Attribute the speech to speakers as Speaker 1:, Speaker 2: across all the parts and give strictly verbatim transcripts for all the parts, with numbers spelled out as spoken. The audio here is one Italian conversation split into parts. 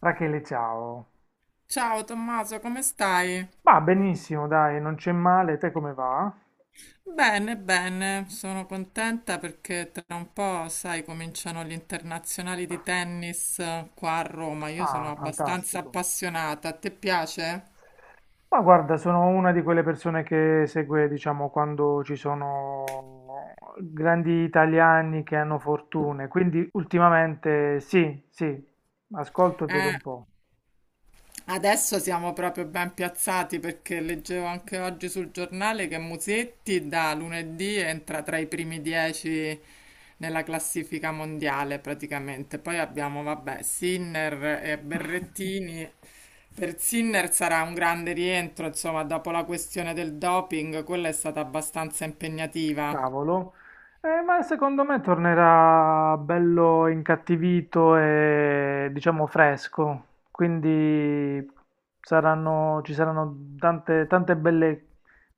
Speaker 1: Rachele, ciao.
Speaker 2: Ciao Tommaso, come stai?
Speaker 1: Ma benissimo, dai, non c'è male. Te come va?
Speaker 2: Bene, bene, sono contenta perché tra un po', sai, cominciano gli internazionali di tennis eh, qua a Roma. Io sono
Speaker 1: Ah,
Speaker 2: abbastanza
Speaker 1: fantastico.
Speaker 2: appassionata. A te piace?
Speaker 1: Ma guarda, sono una di quelle persone che segue, diciamo, quando ci sono grandi italiani che hanno fortune. Quindi ultimamente sì, sì, ascolto e vedo
Speaker 2: Eh.
Speaker 1: un po'.
Speaker 2: Adesso siamo proprio ben piazzati perché leggevo anche oggi sul giornale che Musetti da lunedì entra tra i primi dieci nella classifica mondiale praticamente. Poi abbiamo, vabbè, Sinner e Berrettini. Per Sinner sarà un grande rientro, insomma, dopo la questione del doping, quella è stata abbastanza impegnativa.
Speaker 1: Cavolo. Eh, ma secondo me tornerà bello incattivito e diciamo fresco, quindi saranno- ci saranno tante, tante belle,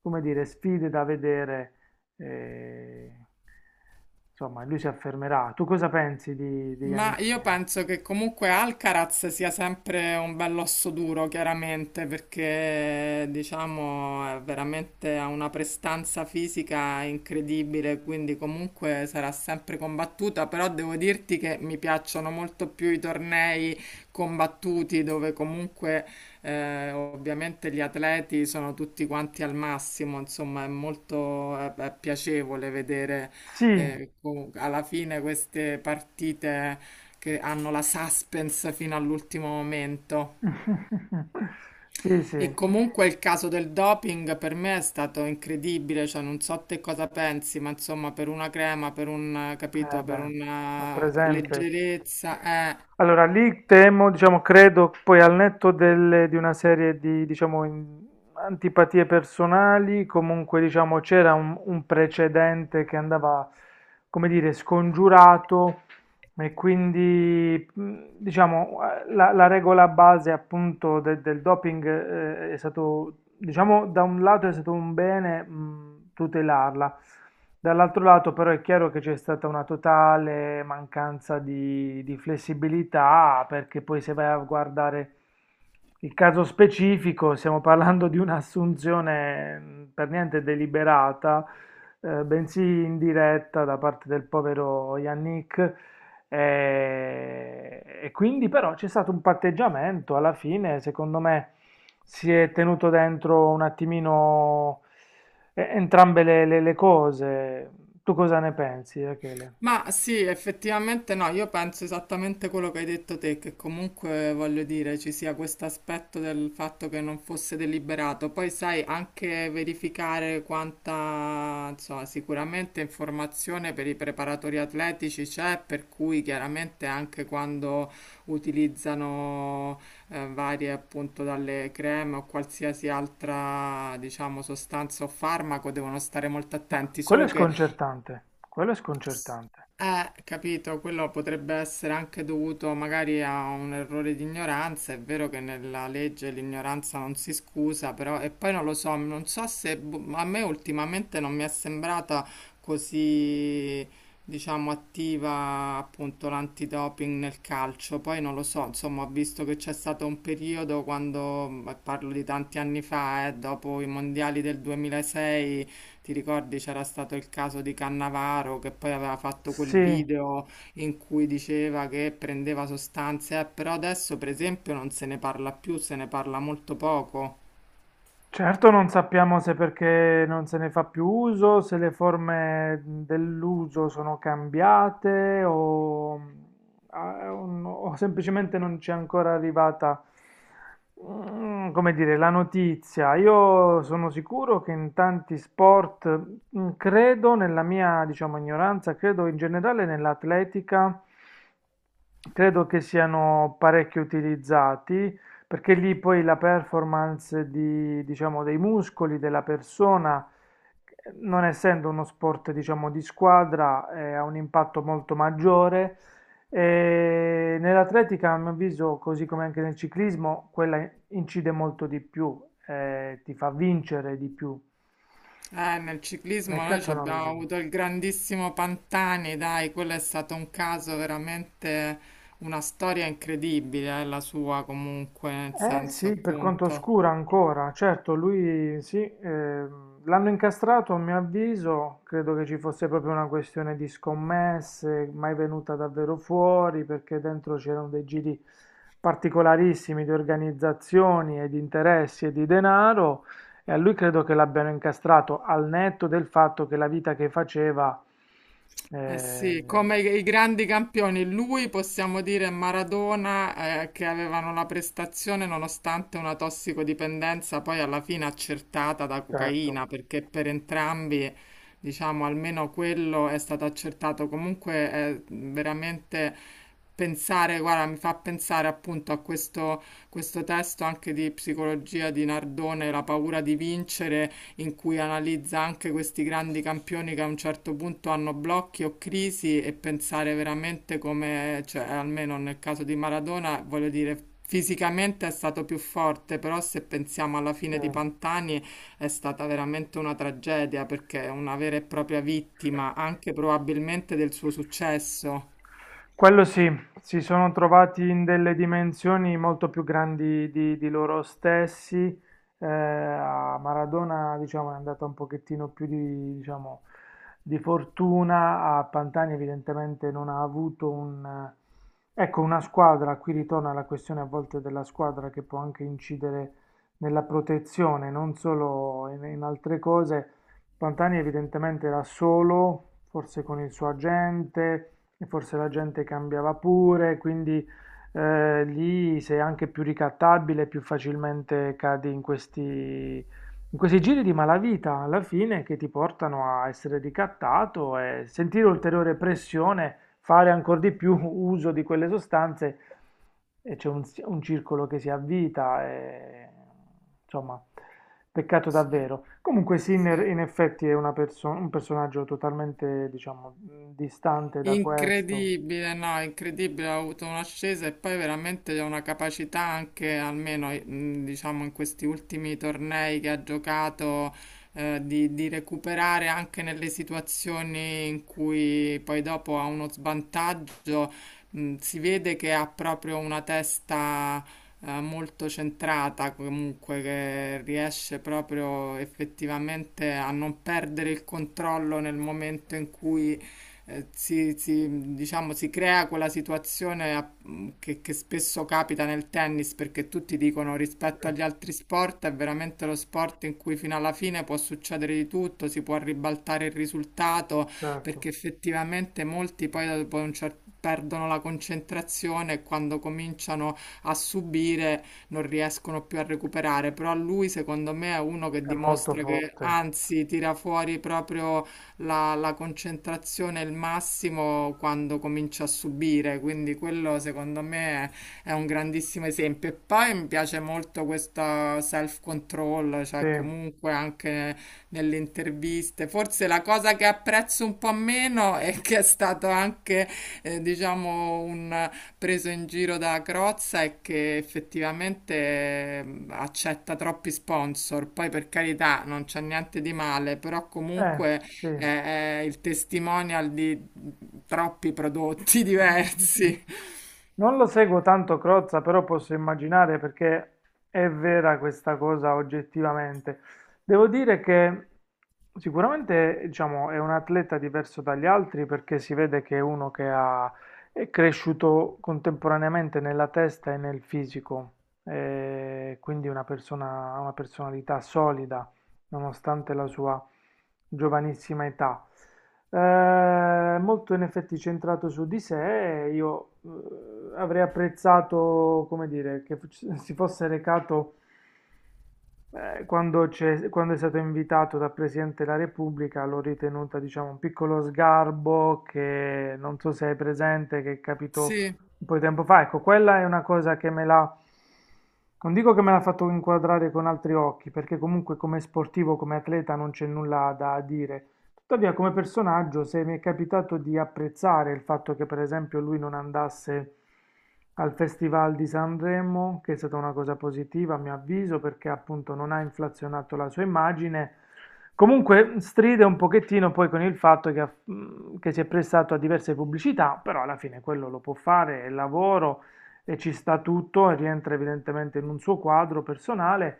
Speaker 1: come dire, sfide da vedere. eh, insomma, lui si affermerà. Tu cosa pensi di, di
Speaker 2: Ma
Speaker 1: Yannick
Speaker 2: io
Speaker 1: Sinner?
Speaker 2: penso che comunque Alcaraz sia sempre un bell'osso duro, chiaramente, perché diciamo è veramente ha una prestanza fisica incredibile, quindi comunque sarà sempre combattuta, però devo dirti che mi piacciono molto più i tornei combattuti dove comunque eh, ovviamente gli atleti sono tutti quanti al massimo, insomma, è molto è- è piacevole vedere
Speaker 1: Sì,
Speaker 2: e comunque, alla fine queste partite che hanno la suspense fino all'ultimo momento.
Speaker 1: sì,
Speaker 2: E
Speaker 1: sì,
Speaker 2: comunque il caso del doping per me è stato incredibile, cioè non so te cosa pensi, ma insomma per una crema, per un,
Speaker 1: eh
Speaker 2: capito, per
Speaker 1: beh, ho
Speaker 2: una
Speaker 1: presente.
Speaker 2: leggerezza, eh.
Speaker 1: Allora, lì temo, diciamo, credo poi al netto delle- di una serie di, diciamo, in- antipatie personali, comunque, diciamo, c'era un, un precedente che andava, come dire, scongiurato e quindi, mh, diciamo, la, la regola base appunto de- del doping eh, è stato, diciamo, da un lato è stato un bene, mh, tutelarla, dall'altro lato però è chiaro che c'è stata una totale mancanza di, di flessibilità, perché poi se vai a guardare il caso specifico, stiamo parlando di un'assunzione, mh, per niente deliberata, eh, bensì indiretta da parte del povero Yannick e, e quindi però c'è stato un patteggiamento alla fine. Secondo me si è tenuto dentro un attimino eh, entrambe le, le- le cose. Tu cosa ne pensi, Rachele?
Speaker 2: Ma sì, effettivamente no, io penso esattamente quello che hai detto te, che comunque voglio dire ci sia questo aspetto del fatto che non fosse deliberato. Poi sai anche verificare quanta, insomma, sicuramente informazione per i preparatori atletici c'è, per cui chiaramente anche quando utilizzano eh, varie appunto dalle creme o qualsiasi altra, diciamo, sostanza o farmaco devono stare molto
Speaker 1: Ma
Speaker 2: attenti,
Speaker 1: quello
Speaker 2: solo
Speaker 1: è
Speaker 2: che
Speaker 1: sconcertante, quello è sconcertante.
Speaker 2: eh, capito, quello potrebbe essere anche dovuto magari a un errore di ignoranza. È vero che nella legge l'ignoranza non si scusa, però e poi non lo so, non so se boh, a me ultimamente non mi è sembrata così, diciamo, attiva appunto l'antidoping nel calcio. Poi non lo so, insomma, ho visto che c'è stato un periodo quando, ma parlo di tanti anni fa, eh, dopo i mondiali del duemilasei ti ricordi c'era stato il caso di Cannavaro che poi aveva fatto quel
Speaker 1: Sì.
Speaker 2: video in cui diceva che prendeva sostanze, eh, però adesso per esempio non se ne parla più, se ne parla molto poco.
Speaker 1: Certo non sappiamo se perché non se ne fa più uso, se le forme dell'uso sono cambiate o, ah, o no- o semplicemente non c'è ancora arrivata, mm, come dire, la notizia. Io sono sicuro che in tanti sport, mm, credo nella mia, diciamo, ignoranza, credo in generale nell'atletica, credo che siano parecchio utilizzati. Perché lì poi la performance di, diciamo, dei muscoli, della persona, eh, non essendo uno sport, diciamo, di squadra, eh, ha un impatto molto maggiore. E nell'atletica, a mio avviso, così come anche nel ciclismo, quella incide molto di più, eh, ti fa vincere di più.
Speaker 2: Eh, nel ciclismo
Speaker 1: Nel
Speaker 2: noi ci
Speaker 1: calcio non lo
Speaker 2: abbiamo
Speaker 1: so.
Speaker 2: avuto il grandissimo Pantani, dai, quello è stato un caso veramente una storia incredibile, eh, la sua comunque, nel
Speaker 1: Eh
Speaker 2: senso
Speaker 1: sì, per quanto
Speaker 2: appunto.
Speaker 1: oscura ancora, certo, lui sì, ehm, l'hanno incastrato a mio avviso, credo che ci fosse proprio una questione di scommesse, mai venuta davvero fuori, perché dentro c'erano dei giri particolarissimi di organizzazioni e di interessi e di denaro, e a lui credo che l'abbiano incastrato al netto del fatto che la vita che faceva,
Speaker 2: Eh sì,
Speaker 1: eh,
Speaker 2: come i i grandi campioni, lui possiamo dire Maradona, eh, che avevano la prestazione nonostante una tossicodipendenza poi alla fine accertata da
Speaker 1: certo,
Speaker 2: cocaina, perché per entrambi, diciamo, almeno quello è stato accertato. Comunque è veramente pensare, guarda, mi fa pensare appunto a questo, questo testo anche di psicologia di Nardone, La paura di vincere, in cui analizza anche questi grandi campioni che a un certo punto hanno blocchi o crisi e pensare veramente come, cioè, almeno nel caso di Maradona, voglio dire, fisicamente è stato più forte, però se pensiamo alla
Speaker 1: sì.
Speaker 2: fine di Pantani è stata veramente una tragedia perché è una vera e propria vittima, anche probabilmente del suo successo.
Speaker 1: Quello sì, si sono trovati in delle dimensioni molto più grandi di, di loro stessi. Eh, a Maradona, diciamo, è andata un pochettino più di, diciamo, di fortuna. A Pantani, evidentemente, non ha avuto un, eh, ecco, una squadra. Qui ritorna la questione a volte della squadra che può anche incidere nella protezione, non solo in, in altre cose. Pantani, evidentemente, era solo, forse con il suo agente e forse la gente cambiava pure, quindi eh, lì sei anche più ricattabile, più facilmente cadi in questi, in questi giri di malavita, alla fine, che ti portano a essere ricattato e sentire ulteriore pressione, fare ancora di più uso di quelle sostanze, e c'è un, si- un circolo che si avvita, e, insomma, peccato
Speaker 2: Sì,
Speaker 1: davvero. Comunque
Speaker 2: sì.
Speaker 1: Sinner in effetti è una perso- un personaggio totalmente, diciamo, mh, distante da questo.
Speaker 2: Incredibile, no, incredibile, ha avuto un'ascesa e poi veramente ha una capacità anche, almeno eh, mh, diciamo in questi ultimi tornei che ha giocato, eh, di, di recuperare anche nelle situazioni in cui poi dopo ha uno svantaggio. Mh, si vede che ha proprio una testa, eh, molto centrata, comunque che riesce proprio effettivamente a non perdere il controllo nel momento in cui eh, si, si- diciamo, si crea quella situazione a- mm, che, che spesso capita nel tennis perché tutti dicono
Speaker 1: Sì,
Speaker 2: rispetto agli altri sport è veramente lo sport in cui fino alla fine può succedere di tutto, si può ribaltare il risultato
Speaker 1: certo,
Speaker 2: perché effettivamente molti poi dopo un cer- perdono la concentrazione e quando cominciano a subire non riescono più a recuperare, però lui secondo me è uno che
Speaker 1: è molto
Speaker 2: dimostra che
Speaker 1: forte.
Speaker 2: anzi tira fuori proprio la, la concentrazione è il massimo quando comincia a subire, quindi quello secondo me è, è un grandissimo esempio. E poi mi piace molto questo self-control,
Speaker 1: Sì,
Speaker 2: cioè
Speaker 1: eh,
Speaker 2: comunque anche nelle interviste. Forse la cosa che apprezzo un po' meno è che è stato anche, eh, diciamo, un preso in giro da Crozza è che effettivamente eh, accetta troppi sponsor. Poi per carità non c'è niente di male, però comunque
Speaker 1: sì.
Speaker 2: è, è il testimonial di troppi prodotti diversi.
Speaker 1: Non lo seguo tanto Crozza, però posso immaginare perché è vera questa cosa oggettivamente. Devo dire che sicuramente, diciamo, è un atleta diverso dagli altri perché si vede che è uno che ha, è cresciuto contemporaneamente nella testa e nel fisico, eh, quindi una persona, ha una personalità solida nonostante la sua giovanissima età. Eh, molto in effetti centrato su di sé, e io eh, avrei apprezzato, come dire, che f- si fosse recato eh, quando, c'è- quando è stato invitato dal Presidente della Repubblica, l'ho ritenuta, diciamo, un piccolo sgarbo che non so se è presente, che capitò
Speaker 2: Sì.
Speaker 1: un po' di tempo fa. Ecco, quella è una cosa che me l'ha, non dico che me l'ha fatto inquadrare con altri occhi, perché comunque come sportivo, come atleta non c'è nulla da dire. Tuttavia, come personaggio, se mi è capitato di apprezzare il fatto che, per esempio, lui non andasse al Festival di Sanremo, che è stata una cosa positiva, a mio avviso, perché appunto non ha inflazionato la sua immagine. Comunque stride un pochettino poi con il fatto che, ha- mm, che si è prestato a diverse pubblicità, però alla fine quello lo può fare, è lavoro e ci sta tutto, e rientra evidentemente in un suo quadro personale.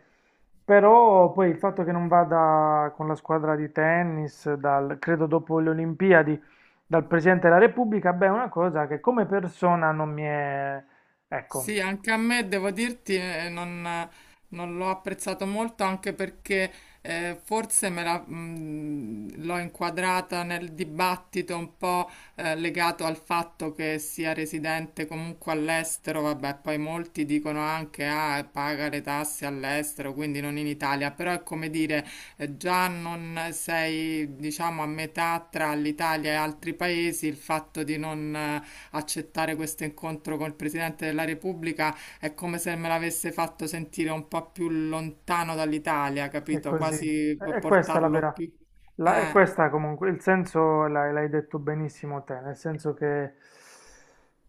Speaker 1: Però poi il fatto che non vada con la squadra di tennis, dal- credo dopo le Olimpiadi, dal Presidente della Repubblica, beh, è una cosa che come persona non mi è... Ecco,
Speaker 2: Sì, anche a me devo dirti, eh, non, non l'ho apprezzato molto anche perché eh, forse me la, mh, l'ho inquadrata nel dibattito un po' eh, legato al fatto che sia residente comunque all'estero, vabbè, poi molti dicono anche ah, paga le tasse all'estero, quindi non in Italia, però è come dire, eh, già non sei, diciamo, a metà tra l'Italia e altri paesi, il fatto di non eh, accettare questo incontro col Presidente della Repubblica è come se me l'avesse fatto sentire un po' più lontano dall'Italia,
Speaker 1: è
Speaker 2: capito?
Speaker 1: così. E
Speaker 2: Quasi
Speaker 1: e questa è la
Speaker 2: portarlo
Speaker 1: vera...
Speaker 2: più...
Speaker 1: La, e
Speaker 2: Eh.
Speaker 1: questa comunque, il senso l'hai l'hai detto benissimo te, nel senso che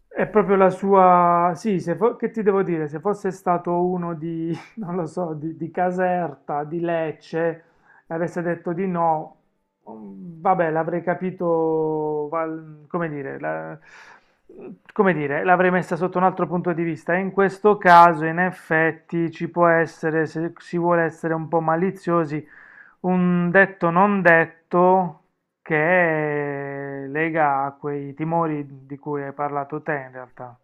Speaker 1: è proprio la sua... Sì, se fo- che ti devo dire? Se fosse stato uno di, non lo so, di, di Caserta, di Lecce, e avesse detto di no, mhmm, vabbè, l'avrei capito val come dire, la, mhmm, come dire, l'avrei messa sotto un altro punto di vista. E in questo caso, in effetti, ci può essere, se si vuole essere un po' maliziosi, un detto non detto che lega a quei timori di cui hai parlato te, in realtà.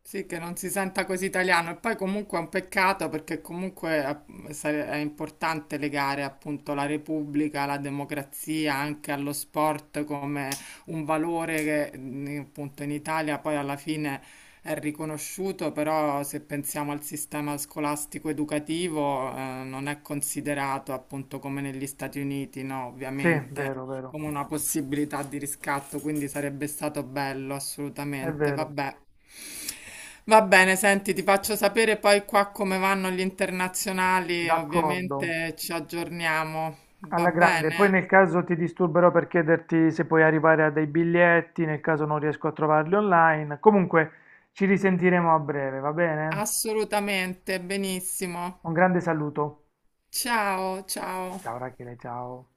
Speaker 2: Sì, che non si senta così italiano e poi comunque è un peccato perché comunque eh, sare- è importante legare appunto la Repubblica, la democrazia anche allo sport come un valore che mh, appunto in Italia poi alla fine è riconosciuto, però se pensiamo al sistema scolastico educativo eh, non è considerato appunto come negli Stati Uniti, no,
Speaker 1: Sì,
Speaker 2: ovviamente
Speaker 1: vero, vero.
Speaker 2: come una possibilità di riscatto, quindi sarebbe stato bello,
Speaker 1: È
Speaker 2: assolutamente.
Speaker 1: vero,
Speaker 2: Vabbè. Va bene, senti, ti faccio sapere poi qua come vanno gli internazionali,
Speaker 1: d'accordo.
Speaker 2: ovviamente ci aggiorniamo. Va
Speaker 1: Alla grande, poi
Speaker 2: bene?
Speaker 1: nel caso ti disturberò per chiederti se puoi arrivare a dei biglietti, nel caso non riesco a trovarli online. Comunque ci risentiremo a breve, va bene?
Speaker 2: Assolutamente, benissimo.
Speaker 1: Un grande saluto.
Speaker 2: Ciao, ciao.
Speaker 1: Ciao Rachele, ciao.